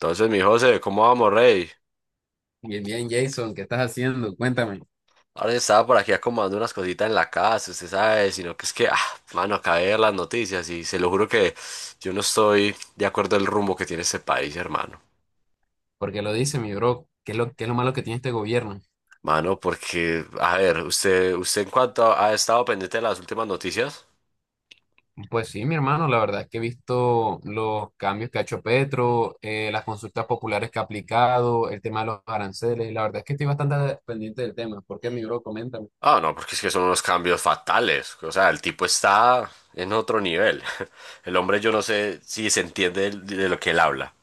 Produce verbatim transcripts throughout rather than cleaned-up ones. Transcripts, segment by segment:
Entonces, mi José, ¿cómo vamos, rey? Bien, bien, Jason, ¿qué estás haciendo? Cuéntame. Ahora estaba por aquí acomodando unas cositas en la casa, usted sabe, sino que es que, ah, mano, acabé de ver las noticias y se lo juro que yo no estoy de acuerdo el rumbo que tiene este país, hermano. Porque lo dice, mi bro? ¿Qué es lo, qué es lo malo que tiene este gobierno? Mano, porque, a ver, usted, usted en cuanto ha estado pendiente de las últimas noticias. Pues sí, mi hermano, la verdad es que he visto los cambios que ha hecho Petro, eh, las consultas populares que ha aplicado, el tema de los aranceles. La verdad es que estoy bastante pendiente del tema. ¿Por qué, mi bro? Coméntame. Ah, no, porque es que son unos cambios fatales. O sea, el tipo está en otro nivel. El hombre, yo no sé si se entiende de de lo que él habla.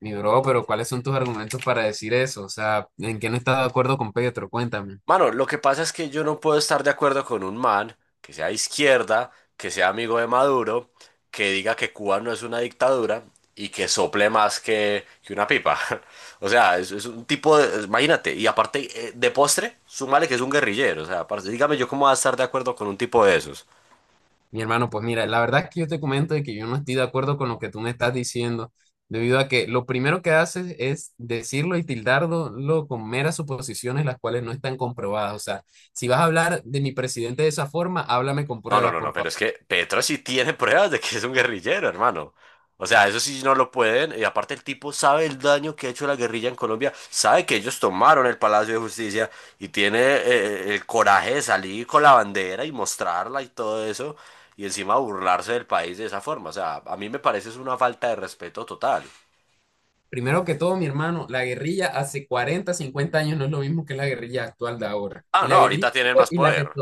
Mi bro, pero ¿cuáles son tus argumentos para decir eso? O sea, ¿en qué no estás de acuerdo con Petro? Cuéntame. Mano, lo que pasa es que yo no puedo estar de acuerdo con un man que sea de izquierda, que sea amigo de Maduro, que diga que Cuba no es una dictadura y que sople más que, que una pipa. O sea, es, es un tipo de... Imagínate, y aparte eh, de postre, súmale que es un guerrillero. O sea, parce, dígame yo cómo voy a estar de acuerdo con un tipo de esos. Mi hermano, pues mira, la verdad es que yo te comento de que yo no estoy de acuerdo con lo que tú me estás diciendo, debido a que lo primero que haces es decirlo y tildarlo con meras suposiciones las cuales no están comprobadas. O sea, si vas a hablar de mi presidente de esa forma, háblame con No, no, pruebas, no, no, por pero favor. es que Petro sí tiene pruebas de que es un guerrillero, hermano. O sea, eso sí no lo pueden. Y aparte el tipo sabe el daño que ha hecho la guerrilla en Colombia, sabe que ellos tomaron el Palacio de Justicia y tiene eh, eh, el coraje de salir con la bandera y mostrarla y todo eso, y encima burlarse del país de esa forma. O sea, a mí me parece es una falta de respeto total. Primero que todo, mi hermano, la guerrilla hace cuarenta, cincuenta años no es lo mismo que la guerrilla actual de ahora. Ah, Y no, la guerrilla ahorita tienen más y la que poder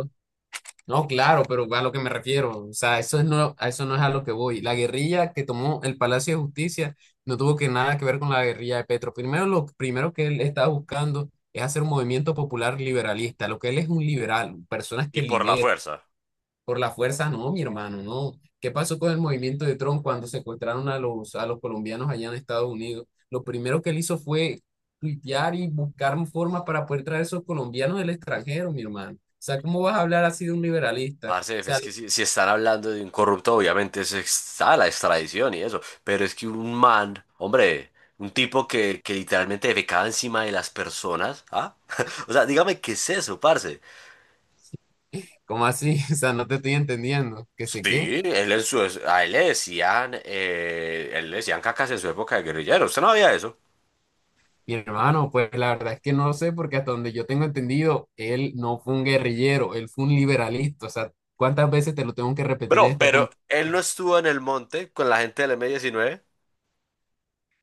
No, claro, pero a lo que me refiero, o sea, eso es no, a eso no es a lo que voy. La guerrilla que tomó el Palacio de Justicia no tuvo que nada que ver con la guerrilla de Petro. Primero, lo primero que él está buscando es hacer un movimiento popular liberalista. Lo que él es un liberal, personas y que por la liberan. fuerza. Por la fuerza, no, mi hermano, no. ¿Qué pasó con el movimiento de Trump cuando secuestraron a los, a los colombianos allá en Estados Unidos? Lo primero que él hizo fue tuitear y buscar formas para poder traer esos colombianos del extranjero, mi hermano. O sea, ¿cómo vas a hablar así de un liberalista? O Parce, es sea, que si, si están hablando de un corrupto, obviamente se está la extradición y eso, pero es que un man, hombre, un tipo que, que literalmente defecaba encima de las personas, ¿ah? O sea, dígame qué es eso, parce. ¿cómo así? O sea, no te estoy entendiendo. ¿Qué sé qué? Sí, él en su, a él le decían, eh, él le decían cacas en su época de guerrillero, usted no había eso. Mi hermano, pues la verdad es que no lo sé porque hasta donde yo tengo entendido, él no fue un guerrillero, él fue un liberalista. O sea, ¿cuántas veces te lo tengo que repetir en Bro, esta pero conversación? él no estuvo en el monte con la gente del m diecinueve.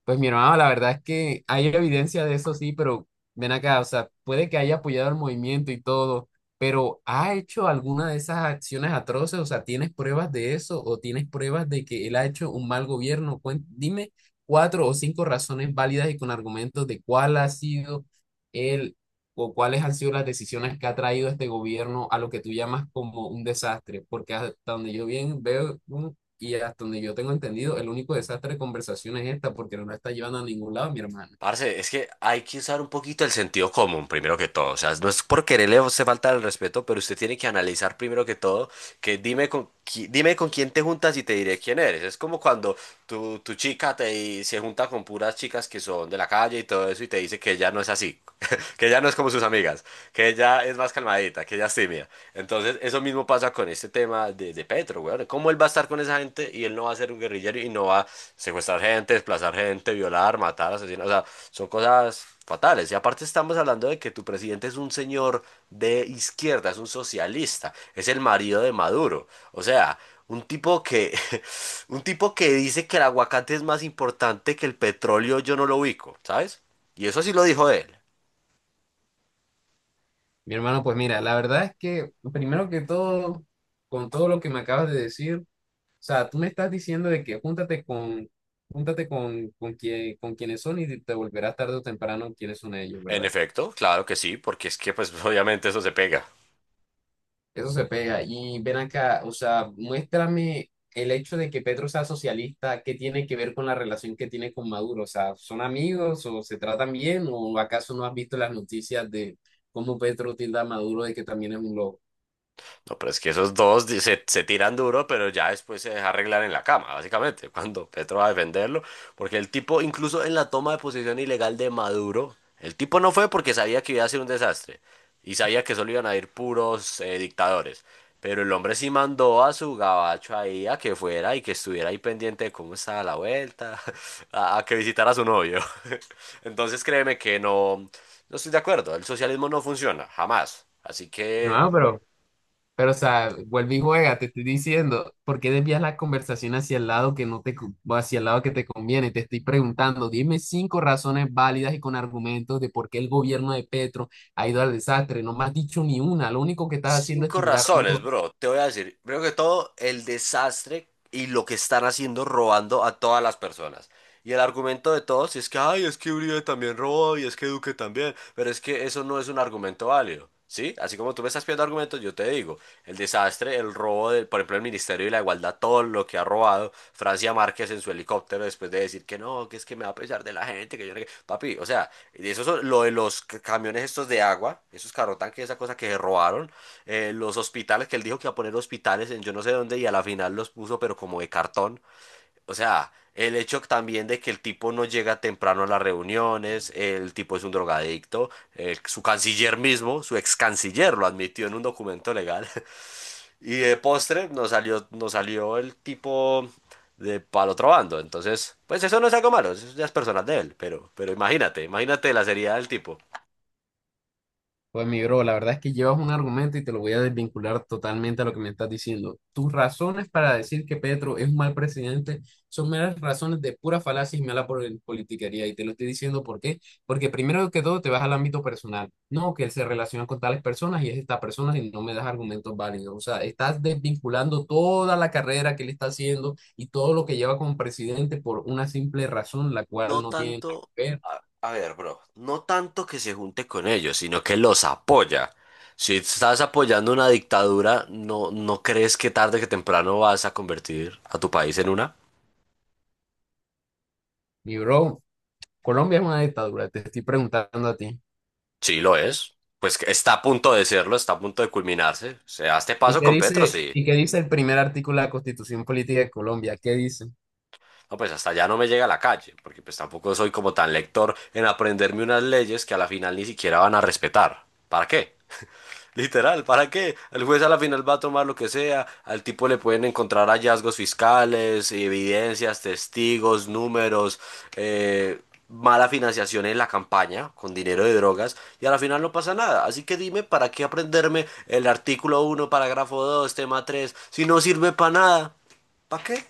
Pues mi hermano, la verdad es que hay evidencia de eso, sí, pero ven acá, o sea, puede que haya apoyado el movimiento y todo, pero ¿ha hecho alguna de esas acciones atroces? O sea, ¿tienes pruebas de eso o tienes pruebas de que él ha hecho un mal gobierno? Cuen- dime cuatro o cinco razones válidas y con argumentos de cuál ha sido él o cuáles han sido las decisiones que ha traído este gobierno a lo que tú llamas como un desastre, porque hasta donde yo bien veo, y hasta donde yo tengo entendido, el único desastre de conversación es esta porque no la está llevando a ningún lado mi hermano. Parce, es que hay que usar un poquito el sentido común, primero que todo. O sea, no es por quererle a usted falta el respeto, pero usted tiene que analizar primero que todo que dime con, qui- dime con quién te juntas y te diré quién eres. Es como cuando tu, tu chica te, se junta con puras chicas que son de la calle y todo eso y te dice que ella no es así. Que ya no es como sus amigas, que ella es más calmadita, que ella es tímida. Entonces, eso mismo pasa con este tema de, de Petro, weón. ¿Cómo él va a estar con esa gente y él no va a ser un guerrillero y no va a secuestrar gente, desplazar gente, violar, matar, asesinar? O sea, son cosas fatales. Y aparte estamos hablando de que tu presidente es un señor de izquierda, es un socialista, es el marido de Maduro. O sea, un tipo que, un tipo que dice que el aguacate es más importante que el petróleo, yo no lo ubico, ¿sabes? Y eso sí lo dijo él. Mi hermano, pues mira, la verdad es que primero que todo, con todo lo que me acabas de decir, o sea, tú me estás diciendo de que júntate con, júntate con, con, quien, con quienes son y te volverás tarde o temprano quienes son ellos, En ¿verdad? efecto, claro que sí, porque es que pues obviamente eso se pega. Eso se pega. Y ven acá, o sea, muéstrame el hecho de que Petro sea socialista, ¿qué tiene que ver con la relación que tiene con Maduro? O sea, ¿son amigos o se tratan bien? ¿O acaso no has visto las noticias de cómo Petro tilda a Maduro de que también es un loco? No, pero es que esos dos di- se, se tiran duro, pero ya después se deja arreglar en la cama, básicamente, cuando Petro va a defenderlo, porque el tipo, incluso en la toma de posesión ilegal de Maduro, el tipo no fue porque sabía que iba a ser un desastre y sabía que solo iban a ir puros eh, dictadores, pero el hombre sí mandó a su gabacho ahí a que fuera y que estuviera ahí pendiente de cómo estaba la vuelta, a, a que visitara a su novio. Entonces créeme que no, no estoy de acuerdo, el socialismo no funciona, jamás. Así Mi que... hermano, pero Pero, o sea, vuelve y juega, te estoy diciendo, ¿por qué desvías la conversación hacia el lado que no te, co- hacia el lado que te conviene? Te estoy preguntando, dime cinco razones válidas y con argumentos de por qué el gobierno de Petro ha ido al desastre. No me has dicho ni una, lo único que estás haciendo es Cinco tildar. razones, bro. Te voy a decir, primero que todo, el desastre y lo que están haciendo robando a todas las personas. Y el argumento de todos es que, ay, es que Uribe también robó y es que Duque también, pero es que eso no es un argumento válido, ¿sí? Así como tú me estás pidiendo argumentos, yo te digo, el desastre, el robo, del, por ejemplo, el Ministerio de la Igualdad, todo lo que ha robado Francia Márquez en su helicóptero después de decir que no, que es que me va a pesar de la gente, que yo no... sé qué. Papi, o sea, eso es lo de los camiones estos de agua, esos carro tanques, esa cosa que se robaron eh, los hospitales, que él dijo que iba a poner hospitales en yo no sé dónde y a la final los puso, pero como de cartón. O sea, el hecho también de que el tipo no llega temprano a las reuniones, el tipo es un drogadicto, eh, su canciller mismo, su ex canciller lo admitió en un documento legal. Y de postre nos salió, nos salió el tipo de para el otro bando. Entonces, pues eso no es algo malo, eso ya es personal de él, pero, pero imagínate, imagínate la seriedad del tipo. Pues mi bro, la verdad es que llevas un argumento y te lo voy a desvincular totalmente a lo que me estás diciendo. Tus razones para decir que Petro es un mal presidente son meras razones de pura falacia y mala por- politiquería. Y te lo estoy diciendo ¿por qué? Porque primero que todo te vas al ámbito personal. No, que él se relaciona con tales personas y es esta persona y no me das argumentos válidos. O sea, estás desvinculando toda la carrera que él está haciendo y todo lo que lleva como presidente por una simple razón, la cual No no tiene nada tanto, que ver. a, a ver, bro, no tanto que se junte con ellos, sino que los apoya. Si estás apoyando una dictadura, ¿no, no crees que tarde que temprano vas a convertir a tu país en una? Mi bro, Colombia es una dictadura, te estoy preguntando a ti. Sí, lo es. Pues que está a punto de serlo, está a punto de culminarse. O sea, este ¿Y paso qué con Petro, dice, sí. y qué dice el primer artículo de la Constitución Política de Colombia? ¿Qué dice? No, pues hasta allá no me llega a la calle, porque pues tampoco soy como tan lector en aprenderme unas leyes que a la final ni siquiera van a respetar. ¿Para qué? Literal, ¿para qué? El juez a la final va a tomar lo que sea, al tipo le pueden encontrar hallazgos fiscales, evidencias, testigos, números, eh, mala financiación en la campaña con dinero de drogas y a la final no pasa nada. Así que dime, ¿para qué aprenderme el artículo uno parágrafo dos tema tres si no sirve para nada? ¿Para qué?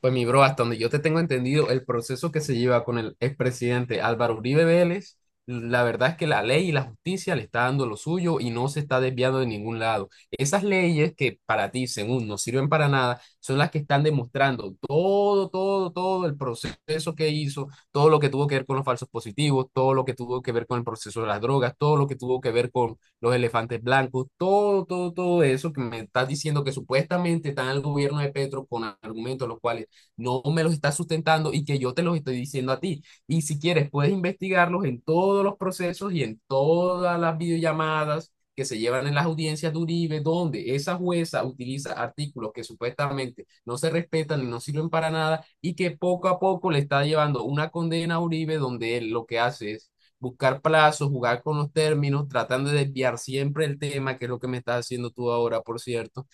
Pues mi bro, hasta donde yo te tengo entendido, el proceso que se lleva con el expresidente Álvaro Uribe Vélez, la verdad es que la ley y la justicia le está dando lo suyo y no se está desviando de ningún lado. Esas leyes que para ti, según, no sirven para nada, son las que están demostrando todo, todo, todo el proceso que hizo, todo lo que tuvo que ver con los falsos positivos, todo lo que tuvo que ver con el proceso de las drogas, todo lo que tuvo que ver con los elefantes blancos, todo, todo, todo eso que me estás diciendo que supuestamente está en el gobierno de Petro con argumentos los cuales no me los está sustentando y que yo te los estoy diciendo a ti. Y si quieres, puedes investigarlos en todos los procesos y en todas las videollamadas que se llevan en las audiencias de Uribe, donde esa jueza utiliza artículos que supuestamente no se respetan y no sirven para nada y que poco a poco le está llevando una condena a Uribe donde él lo que hace es buscar plazos, jugar con los términos, tratando de desviar siempre el tema, que es lo que me estás haciendo tú ahora, por cierto,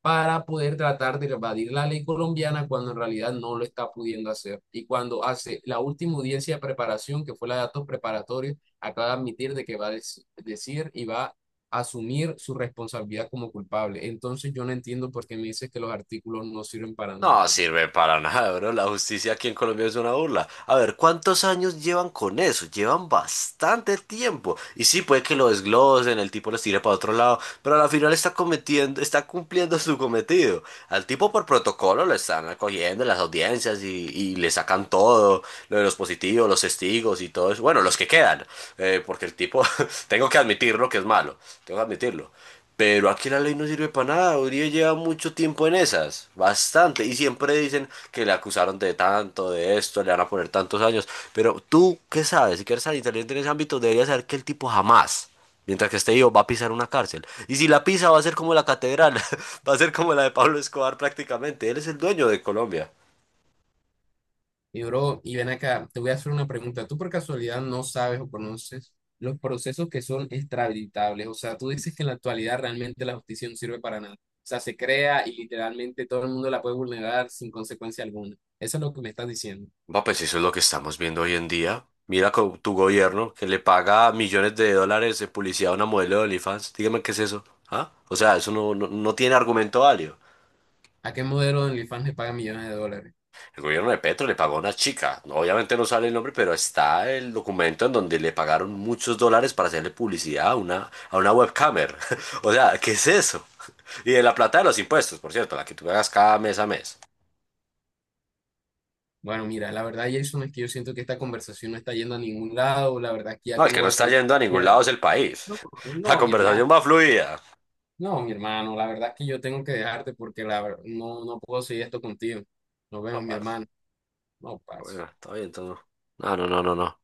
para poder tratar de evadir la ley colombiana cuando en realidad no lo está pudiendo hacer. Y cuando hace la última audiencia de preparación, que fue la de datos preparatorios, acaba de admitir de que va a dec- decir y va a asumir su responsabilidad como culpable. Entonces yo no entiendo por qué me dices que los artículos no sirven para nada. No sirve para nada, bro. La justicia aquí en Colombia es una burla. A ver, ¿cuántos años llevan con eso? Llevan bastante tiempo. Y sí, puede que lo desglosen, el tipo los tire para otro lado, pero al final está cometiendo, está cumpliendo su cometido. Al tipo por protocolo lo están acogiendo en las audiencias y, y le sacan todo, lo de los positivos, los testigos y todo eso. Bueno, los que quedan, eh, porque el tipo, tengo que admitirlo que es malo, tengo que admitirlo. Pero aquí la ley no sirve para nada. Uribe lleva mucho tiempo en esas, bastante. Y siempre dicen que le acusaron de tanto, de esto, le van a poner tantos años. Pero tú, ¿qué sabes? Si quieres ser inteligente en ese ámbito, deberías saber que el tipo jamás, mientras que esté vivo, va a pisar una cárcel. Y si la pisa, va a ser como la catedral, va a ser como la de Pablo Escobar prácticamente. Él es el dueño de Colombia. Y bro, y ven acá, te voy a hacer una pregunta. ¿Tú por casualidad no sabes o conoces los procesos que son extraditables? O sea, tú dices que en la actualidad realmente la justicia no sirve para nada. O sea, se crea y literalmente todo el mundo la puede vulnerar sin consecuencia alguna. Eso es lo que me estás diciendo. Va, pues eso es lo que estamos viendo hoy en día. Mira con tu gobierno que le paga millones de dólares de publicidad a una modelo de OnlyFans. Dígame qué es eso. ¿Ah? O sea, eso no, no, no tiene argumento válido. ¿A qué modelo de OnlyFans le pagan millones de dólares? El gobierno de Petro le pagó a una chica. Obviamente no sale el nombre, pero está el documento en donde le pagaron muchos dólares para hacerle publicidad a una, a una webcamer. O sea, ¿qué es eso? Y de la plata de los impuestos, por cierto, la que tú pagas cada mes a mes. Bueno, mira, la verdad, Jason, es que yo siento que esta conversación no está yendo a ningún lado. La verdad es que ya No, el tengo que no está bastante... yendo a ningún ya- lado es el No, país. La no, mi hermano. conversación va fluida. No, mi hermano, la verdad es que yo tengo que dejarte porque la, ver- no, no puedo seguir esto contigo. Nos vemos, No, mi parce. hermano. No, pasa. Bueno, está bien todo. No, ah, no, no, no, no.